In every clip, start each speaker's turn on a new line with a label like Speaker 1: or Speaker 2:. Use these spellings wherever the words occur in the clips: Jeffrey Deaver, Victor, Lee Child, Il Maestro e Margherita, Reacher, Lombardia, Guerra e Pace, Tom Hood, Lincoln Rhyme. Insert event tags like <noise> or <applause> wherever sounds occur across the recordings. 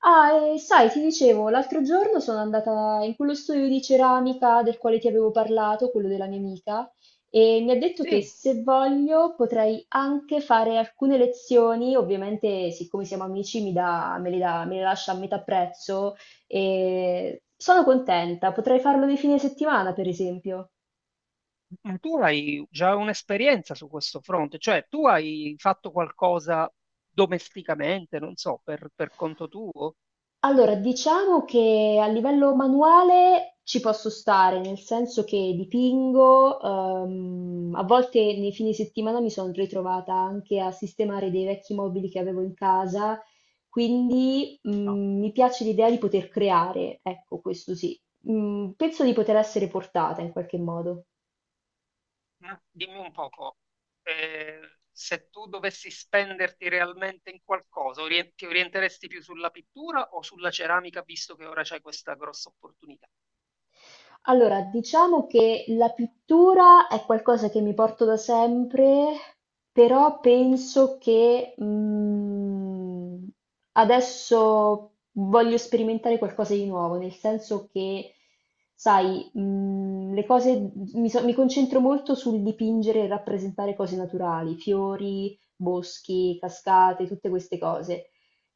Speaker 1: Ah, e sai, ti dicevo, l'altro giorno sono andata in quello studio di ceramica del quale ti avevo parlato, quello della mia amica, e mi ha detto che
Speaker 2: Sì,
Speaker 1: se voglio potrei anche fare alcune lezioni, ovviamente siccome siamo amici mi dà- me le lascia a metà prezzo e sono contenta, potrei farlo nei fine settimana, per esempio.
Speaker 2: ma tu hai già un'esperienza su questo fronte, cioè tu hai fatto qualcosa domesticamente, non so, per conto tuo?
Speaker 1: Allora, diciamo che a livello manuale ci posso stare, nel senso che dipingo, a volte nei fine settimana mi sono ritrovata anche a sistemare dei vecchi mobili che avevo in casa, quindi
Speaker 2: No.
Speaker 1: mi piace l'idea di poter creare, ecco, questo sì. Penso di poter essere portata in qualche modo.
Speaker 2: Ma dimmi un poco, eh, se tu dovessi spenderti realmente in qualcosa, ti orienteresti più sulla pittura o sulla ceramica, visto che ora c'hai questa grossa opportunità?
Speaker 1: Allora, diciamo che la pittura è qualcosa che mi porto da sempre, però penso che adesso voglio sperimentare qualcosa di nuovo, nel senso che, sai, le cose, mi, so- mi concentro molto sul dipingere e rappresentare cose naturali, fiori, boschi, cascate, tutte queste cose.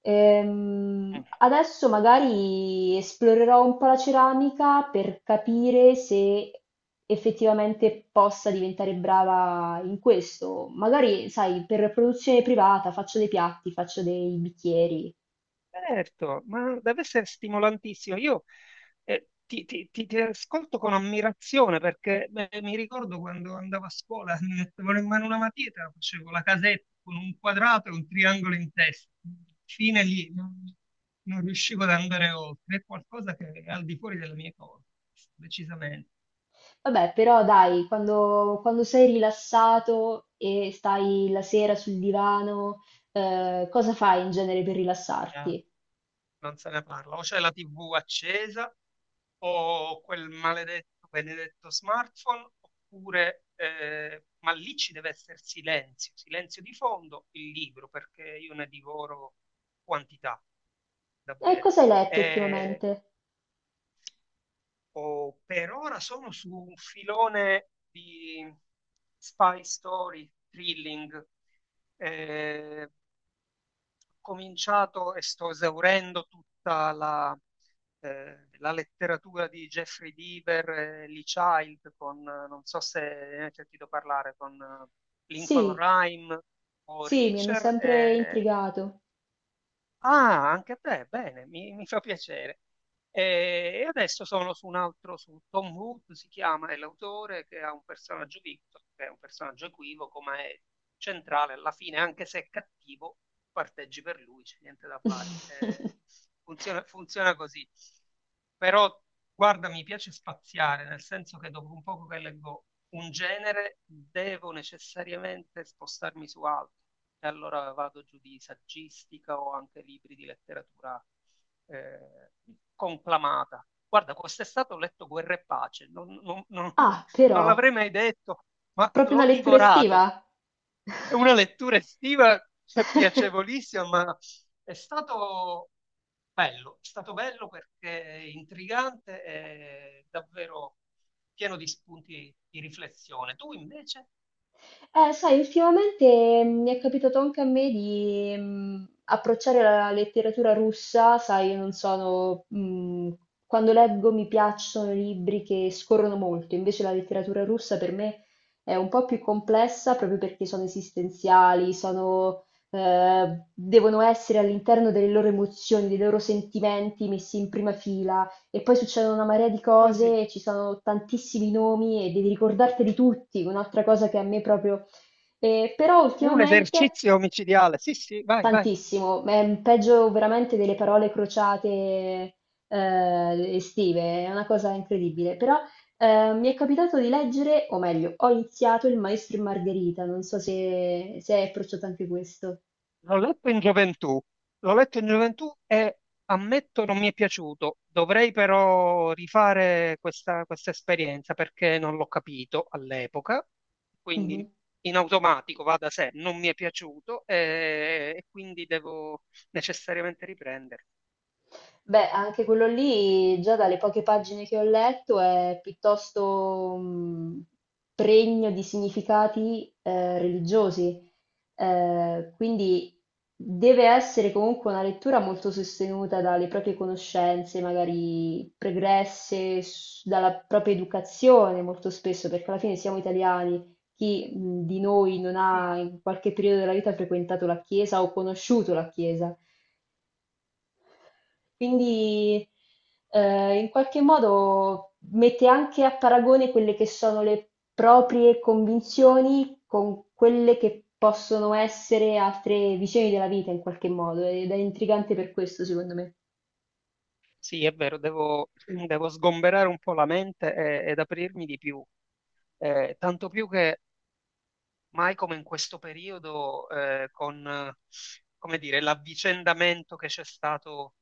Speaker 1: Adesso magari esplorerò un po' la ceramica per capire se effettivamente possa diventare brava in questo. Magari, sai, per produzione privata faccio dei piatti, faccio dei bicchieri.
Speaker 2: Certo, ma deve essere stimolantissimo. Io ti ascolto con ammirazione perché beh, mi ricordo quando andavo a scuola, mi mettevano in mano una matita, facevo la casetta con un quadrato e un triangolo in testa. Fine lì, non riuscivo ad andare oltre. È qualcosa che è al di fuori delle mie cose, decisamente.
Speaker 1: Vabbè, però dai, quando sei rilassato e stai la sera sul divano, cosa fai in genere per
Speaker 2: eh,
Speaker 1: rilassarti?
Speaker 2: Non se ne parla. O c'è la TV accesa, o quel maledetto, benedetto smartphone, oppure, ma lì ci deve essere silenzio, silenzio di fondo, il libro, perché io ne divoro quantità,
Speaker 1: E
Speaker 2: davvero.
Speaker 1: cosa hai letto
Speaker 2: Eh,
Speaker 1: ultimamente?
Speaker 2: o per ora sono su un filone di spy story, thrilling, eh, cominciato e sto esaurendo tutta la letteratura di Jeffrey Deaver e Lee Child con, non so se ne hai sentito parlare, con Lincoln
Speaker 1: Sì,
Speaker 2: Rhyme o
Speaker 1: sì, mi hanno
Speaker 2: Reacher.
Speaker 1: sempre
Speaker 2: E
Speaker 1: intrigato.
Speaker 2: ah, anche a te, bene, mi fa piacere. E adesso sono su un altro, su Tom Hood, si chiama, è l'autore che ha un personaggio Victor, che è un personaggio equivoco, ma è centrale alla fine, anche se è cattivo, parteggi per lui, c'è niente da fare.
Speaker 1: <laughs>
Speaker 2: Funziona, funziona così. Però, guarda, mi piace spaziare, nel senso che dopo un poco che leggo un genere, devo necessariamente spostarmi su altro, e allora vado giù di saggistica o anche libri di letteratura eh, conclamata. Guarda, quest'estate ho letto Guerra e Pace,
Speaker 1: Ah,
Speaker 2: non
Speaker 1: però,
Speaker 2: l'avrei mai detto, ma
Speaker 1: proprio una
Speaker 2: l'ho
Speaker 1: lettura
Speaker 2: divorato.
Speaker 1: estiva?
Speaker 2: È una lettura estiva, cioè,
Speaker 1: <laughs>
Speaker 2: piacevolissima, ma è stato è stato bello perché è intrigante e davvero pieno di spunti di riflessione. Tu invece?
Speaker 1: Sai, ultimamente mi è capitato anche a me di approcciare la letteratura russa, sai, non sono, quando leggo mi piacciono i libri che scorrono molto, invece la letteratura russa per me è un po' più complessa proprio perché sono esistenziali, sono, devono essere all'interno delle loro emozioni, dei loro sentimenti messi in prima fila. E poi succedono una marea di
Speaker 2: Così,
Speaker 1: cose, ci sono tantissimi nomi e devi ricordarteli tutti, un'altra cosa che a me proprio... però
Speaker 2: è un
Speaker 1: ultimamente
Speaker 2: esercizio omicidiale. Sì, sì, vai, vai.
Speaker 1: tantissimo, è un peggio veramente delle parole crociate estive, è una cosa incredibile. Però mi è capitato di leggere, o meglio, ho iniziato Il Maestro e Margherita, non so se, se hai approcciato anche questo.
Speaker 2: L'ho letto in gioventù, l'ho letto in gioventù e ammetto non mi è piaciuto. Dovrei però rifare questa esperienza perché non l'ho capito all'epoca,
Speaker 1: Mhm.
Speaker 2: quindi in automatico va da sé, non mi è piaciuto e quindi devo necessariamente riprendere.
Speaker 1: Beh, anche quello lì, già dalle poche pagine che ho letto, è piuttosto pregno di significati religiosi, eh, quindi deve essere comunque una lettura molto sostenuta dalle proprie conoscenze, magari pregresse, dalla propria educazione molto spesso, perché alla fine siamo italiani. Chi di noi non
Speaker 2: Sì,
Speaker 1: ha in qualche periodo della vita frequentato la chiesa o conosciuto la chiesa? Quindi in qualche modo mette anche a paragone quelle che sono le proprie convinzioni con quelle che possono essere altre visioni della vita in qualche modo ed è intrigante per questo, secondo me.
Speaker 2: sì, è vero, devo sgomberare un po' la mente ed aprirmi di più. Tanto più che mai come in questo periodo, con, come dire, l'avvicendamento che c'è stato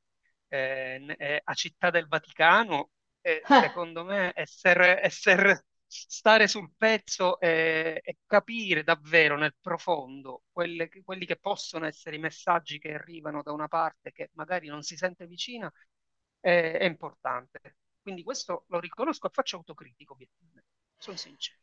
Speaker 2: a Città del Vaticano, secondo me, stare sul pezzo e capire davvero nel profondo quelli che possono essere i messaggi che arrivano da una parte che magari non si sente vicina, è importante. Quindi questo lo riconosco e faccio autocritico, obiettivamente. Sono sincero.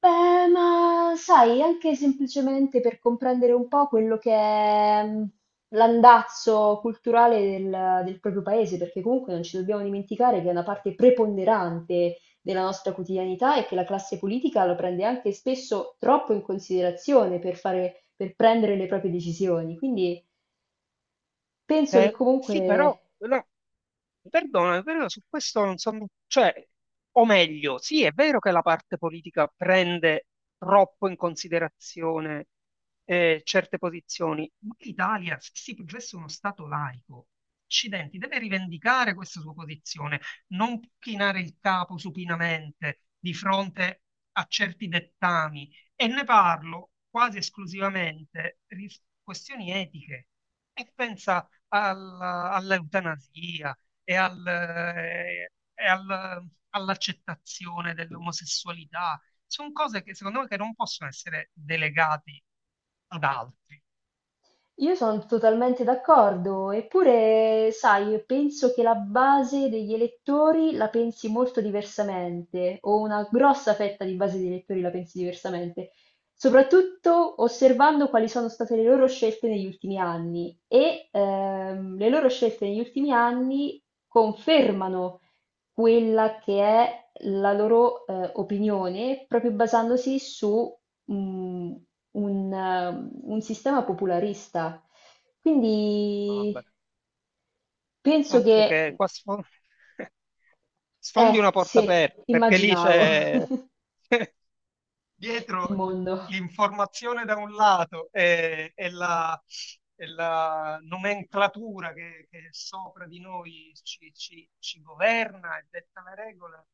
Speaker 1: Beh, ma sai, anche semplicemente per comprendere un po' quello che è l'andazzo culturale del proprio paese, perché comunque non ci dobbiamo dimenticare che è una parte preponderante della nostra quotidianità e che la classe politica lo prende anche spesso troppo in considerazione per fare, per prendere le proprie decisioni. Quindi penso che
Speaker 2: Sì, però,
Speaker 1: comunque
Speaker 2: no, perdonami, però su questo non sono, cioè, o meglio, sì, è vero che la parte politica prende troppo in considerazione certe posizioni, ma l'Italia, se si professa uno Stato laico, accidenti, deve rivendicare questa sua posizione, non può chinare il capo supinamente di fronte a certi dettami, e ne parlo quasi esclusivamente di questioni etiche. E pensa all'eutanasia e all'accettazione dell'omosessualità. Sono cose che secondo me che non possono essere delegate ad altri.
Speaker 1: io sono totalmente d'accordo, eppure, sai, penso che la base degli elettori la pensi molto diversamente, o una grossa fetta di base degli elettori la pensi diversamente, soprattutto osservando quali sono state le loro scelte negli ultimi anni. E le loro scelte negli ultimi anni confermano quella che è la loro opinione, proprio basandosi su mm, un sistema popolarista. Quindi
Speaker 2: Vabbè,
Speaker 1: penso
Speaker 2: altro
Speaker 1: che,
Speaker 2: che qua <laughs> sfondi
Speaker 1: eh
Speaker 2: una porta
Speaker 1: sì,
Speaker 2: aperta, perché lì
Speaker 1: immaginavo
Speaker 2: c'è <laughs>
Speaker 1: <laughs> il
Speaker 2: dietro
Speaker 1: mondo
Speaker 2: l'informazione da un lato e e la nomenclatura che sopra di noi ci governa e detta le regole,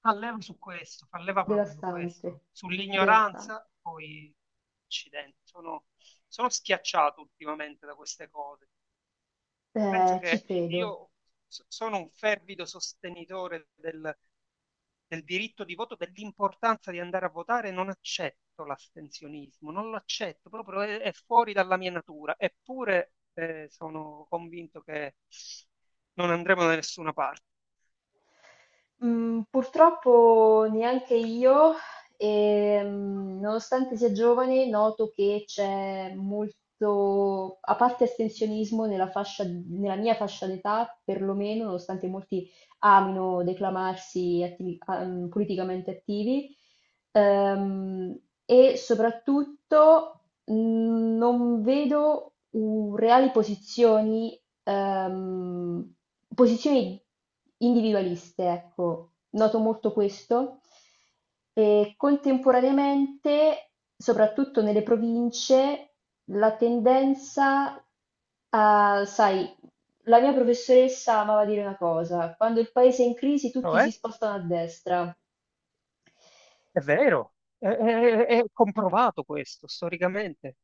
Speaker 2: fa leva su questo, fa leva proprio su
Speaker 1: devastante,
Speaker 2: questo,
Speaker 1: devastante.
Speaker 2: sull'ignoranza, poi accidenti, sono, sono schiacciato ultimamente da queste cose. Penso
Speaker 1: Ci
Speaker 2: che
Speaker 1: credo.
Speaker 2: io sono un fervido sostenitore del diritto di voto, dell'importanza di andare a votare, non accetto l'astensionismo, non lo accetto, proprio è fuori dalla mia natura, eppure sono convinto che non andremo da nessuna parte.
Speaker 1: Mhmm, purtroppo neanche io, nonostante sia giovane, noto che c'è molto, a parte astensionismo nella fascia nella mia fascia d'età, perlomeno, nonostante molti amino declamarsi attivi a politicamente attivi. Ehm, e soprattutto non vedo u- reali posizioni, posizioni individualiste, ecco. Noto molto questo. E contemporaneamente, soprattutto nelle province, la tendenza a, sai, la mia professoressa amava dire una cosa, quando il paese è in crisi
Speaker 2: Però
Speaker 1: tutti si
Speaker 2: è,
Speaker 1: spostano a destra.
Speaker 2: è vero, è comprovato questo storicamente,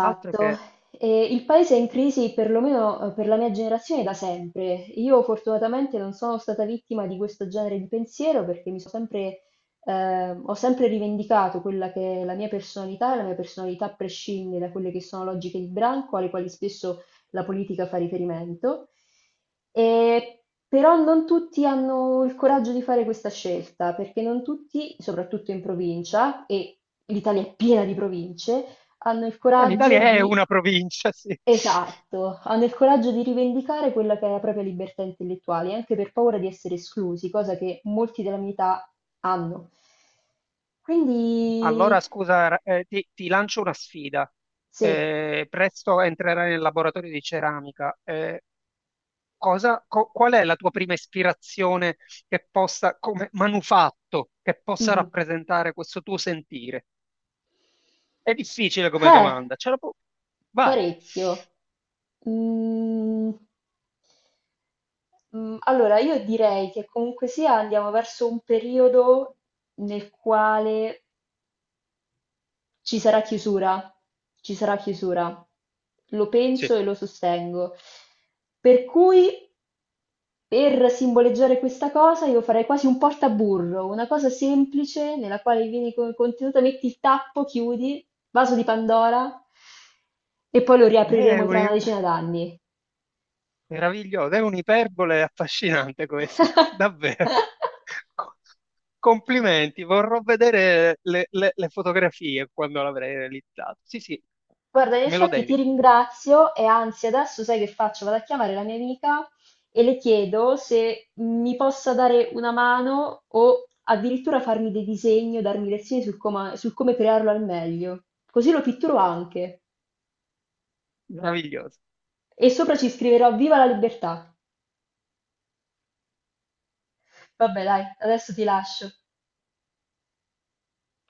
Speaker 2: altro che
Speaker 1: e il paese è in crisi perlomeno per la mia generazione da sempre. Io fortunatamente non sono stata vittima di questo genere di pensiero perché mi sono sempre, ho sempre rivendicato quella che è la mia personalità e la mia personalità prescinde da quelle che sono logiche di branco alle quali spesso la politica fa riferimento. E però non tutti hanno il coraggio di fare questa scelta perché non tutti, soprattutto in provincia, e l'Italia è piena di province, hanno il coraggio
Speaker 2: l'Italia è
Speaker 1: di,
Speaker 2: una provincia, sì.
Speaker 1: esatto, hanno il coraggio di rivendicare quella che è la propria libertà intellettuale, anche per paura di essere esclusi, cosa che molti della mia età hanno.
Speaker 2: Allora,
Speaker 1: Quindi,
Speaker 2: scusa, ti lancio una sfida.
Speaker 1: sì,
Speaker 2: Presto entrerai nel laboratorio di ceramica. Qual è la tua prima ispirazione che possa, come manufatto, che possa
Speaker 1: mhm.
Speaker 2: rappresentare questo tuo sentire? È difficile come
Speaker 1: Eh,
Speaker 2: domanda, vai.
Speaker 1: parecchio. Mm, allora, io direi che comunque sia andiamo verso un periodo nel quale ci sarà chiusura, ci sarà chiusura. Lo
Speaker 2: Sì.
Speaker 1: penso e lo sostengo. Per cui, per simboleggiare questa cosa, io farei quasi un portaburro, una cosa semplice nella quale vieni con il contenuto, metti il tappo, chiudi, vaso di Pandora e poi lo
Speaker 2: È
Speaker 1: riapriremo tra una
Speaker 2: un...
Speaker 1: decina d'anni.
Speaker 2: Meraviglioso, è un'iperbole affascinante questo, <laughs> davvero.
Speaker 1: <laughs>
Speaker 2: Co- Complimenti, vorrò vedere le fotografie quando l'avrei realizzato. Sì, sì,
Speaker 1: Guarda, in
Speaker 2: me lo
Speaker 1: effetti ti
Speaker 2: devi,
Speaker 1: ringrazio e anzi adesso sai che faccio? Vado a chiamare la mia amica e le chiedo se mi possa dare una mano o addirittura farmi dei disegni o darmi lezioni sul, sul come crearlo al meglio. Così lo pitturo anche.
Speaker 2: meraviglioso.
Speaker 1: E sopra ci scriverò Viva la libertà. Vabbè, dai, adesso ti lascio.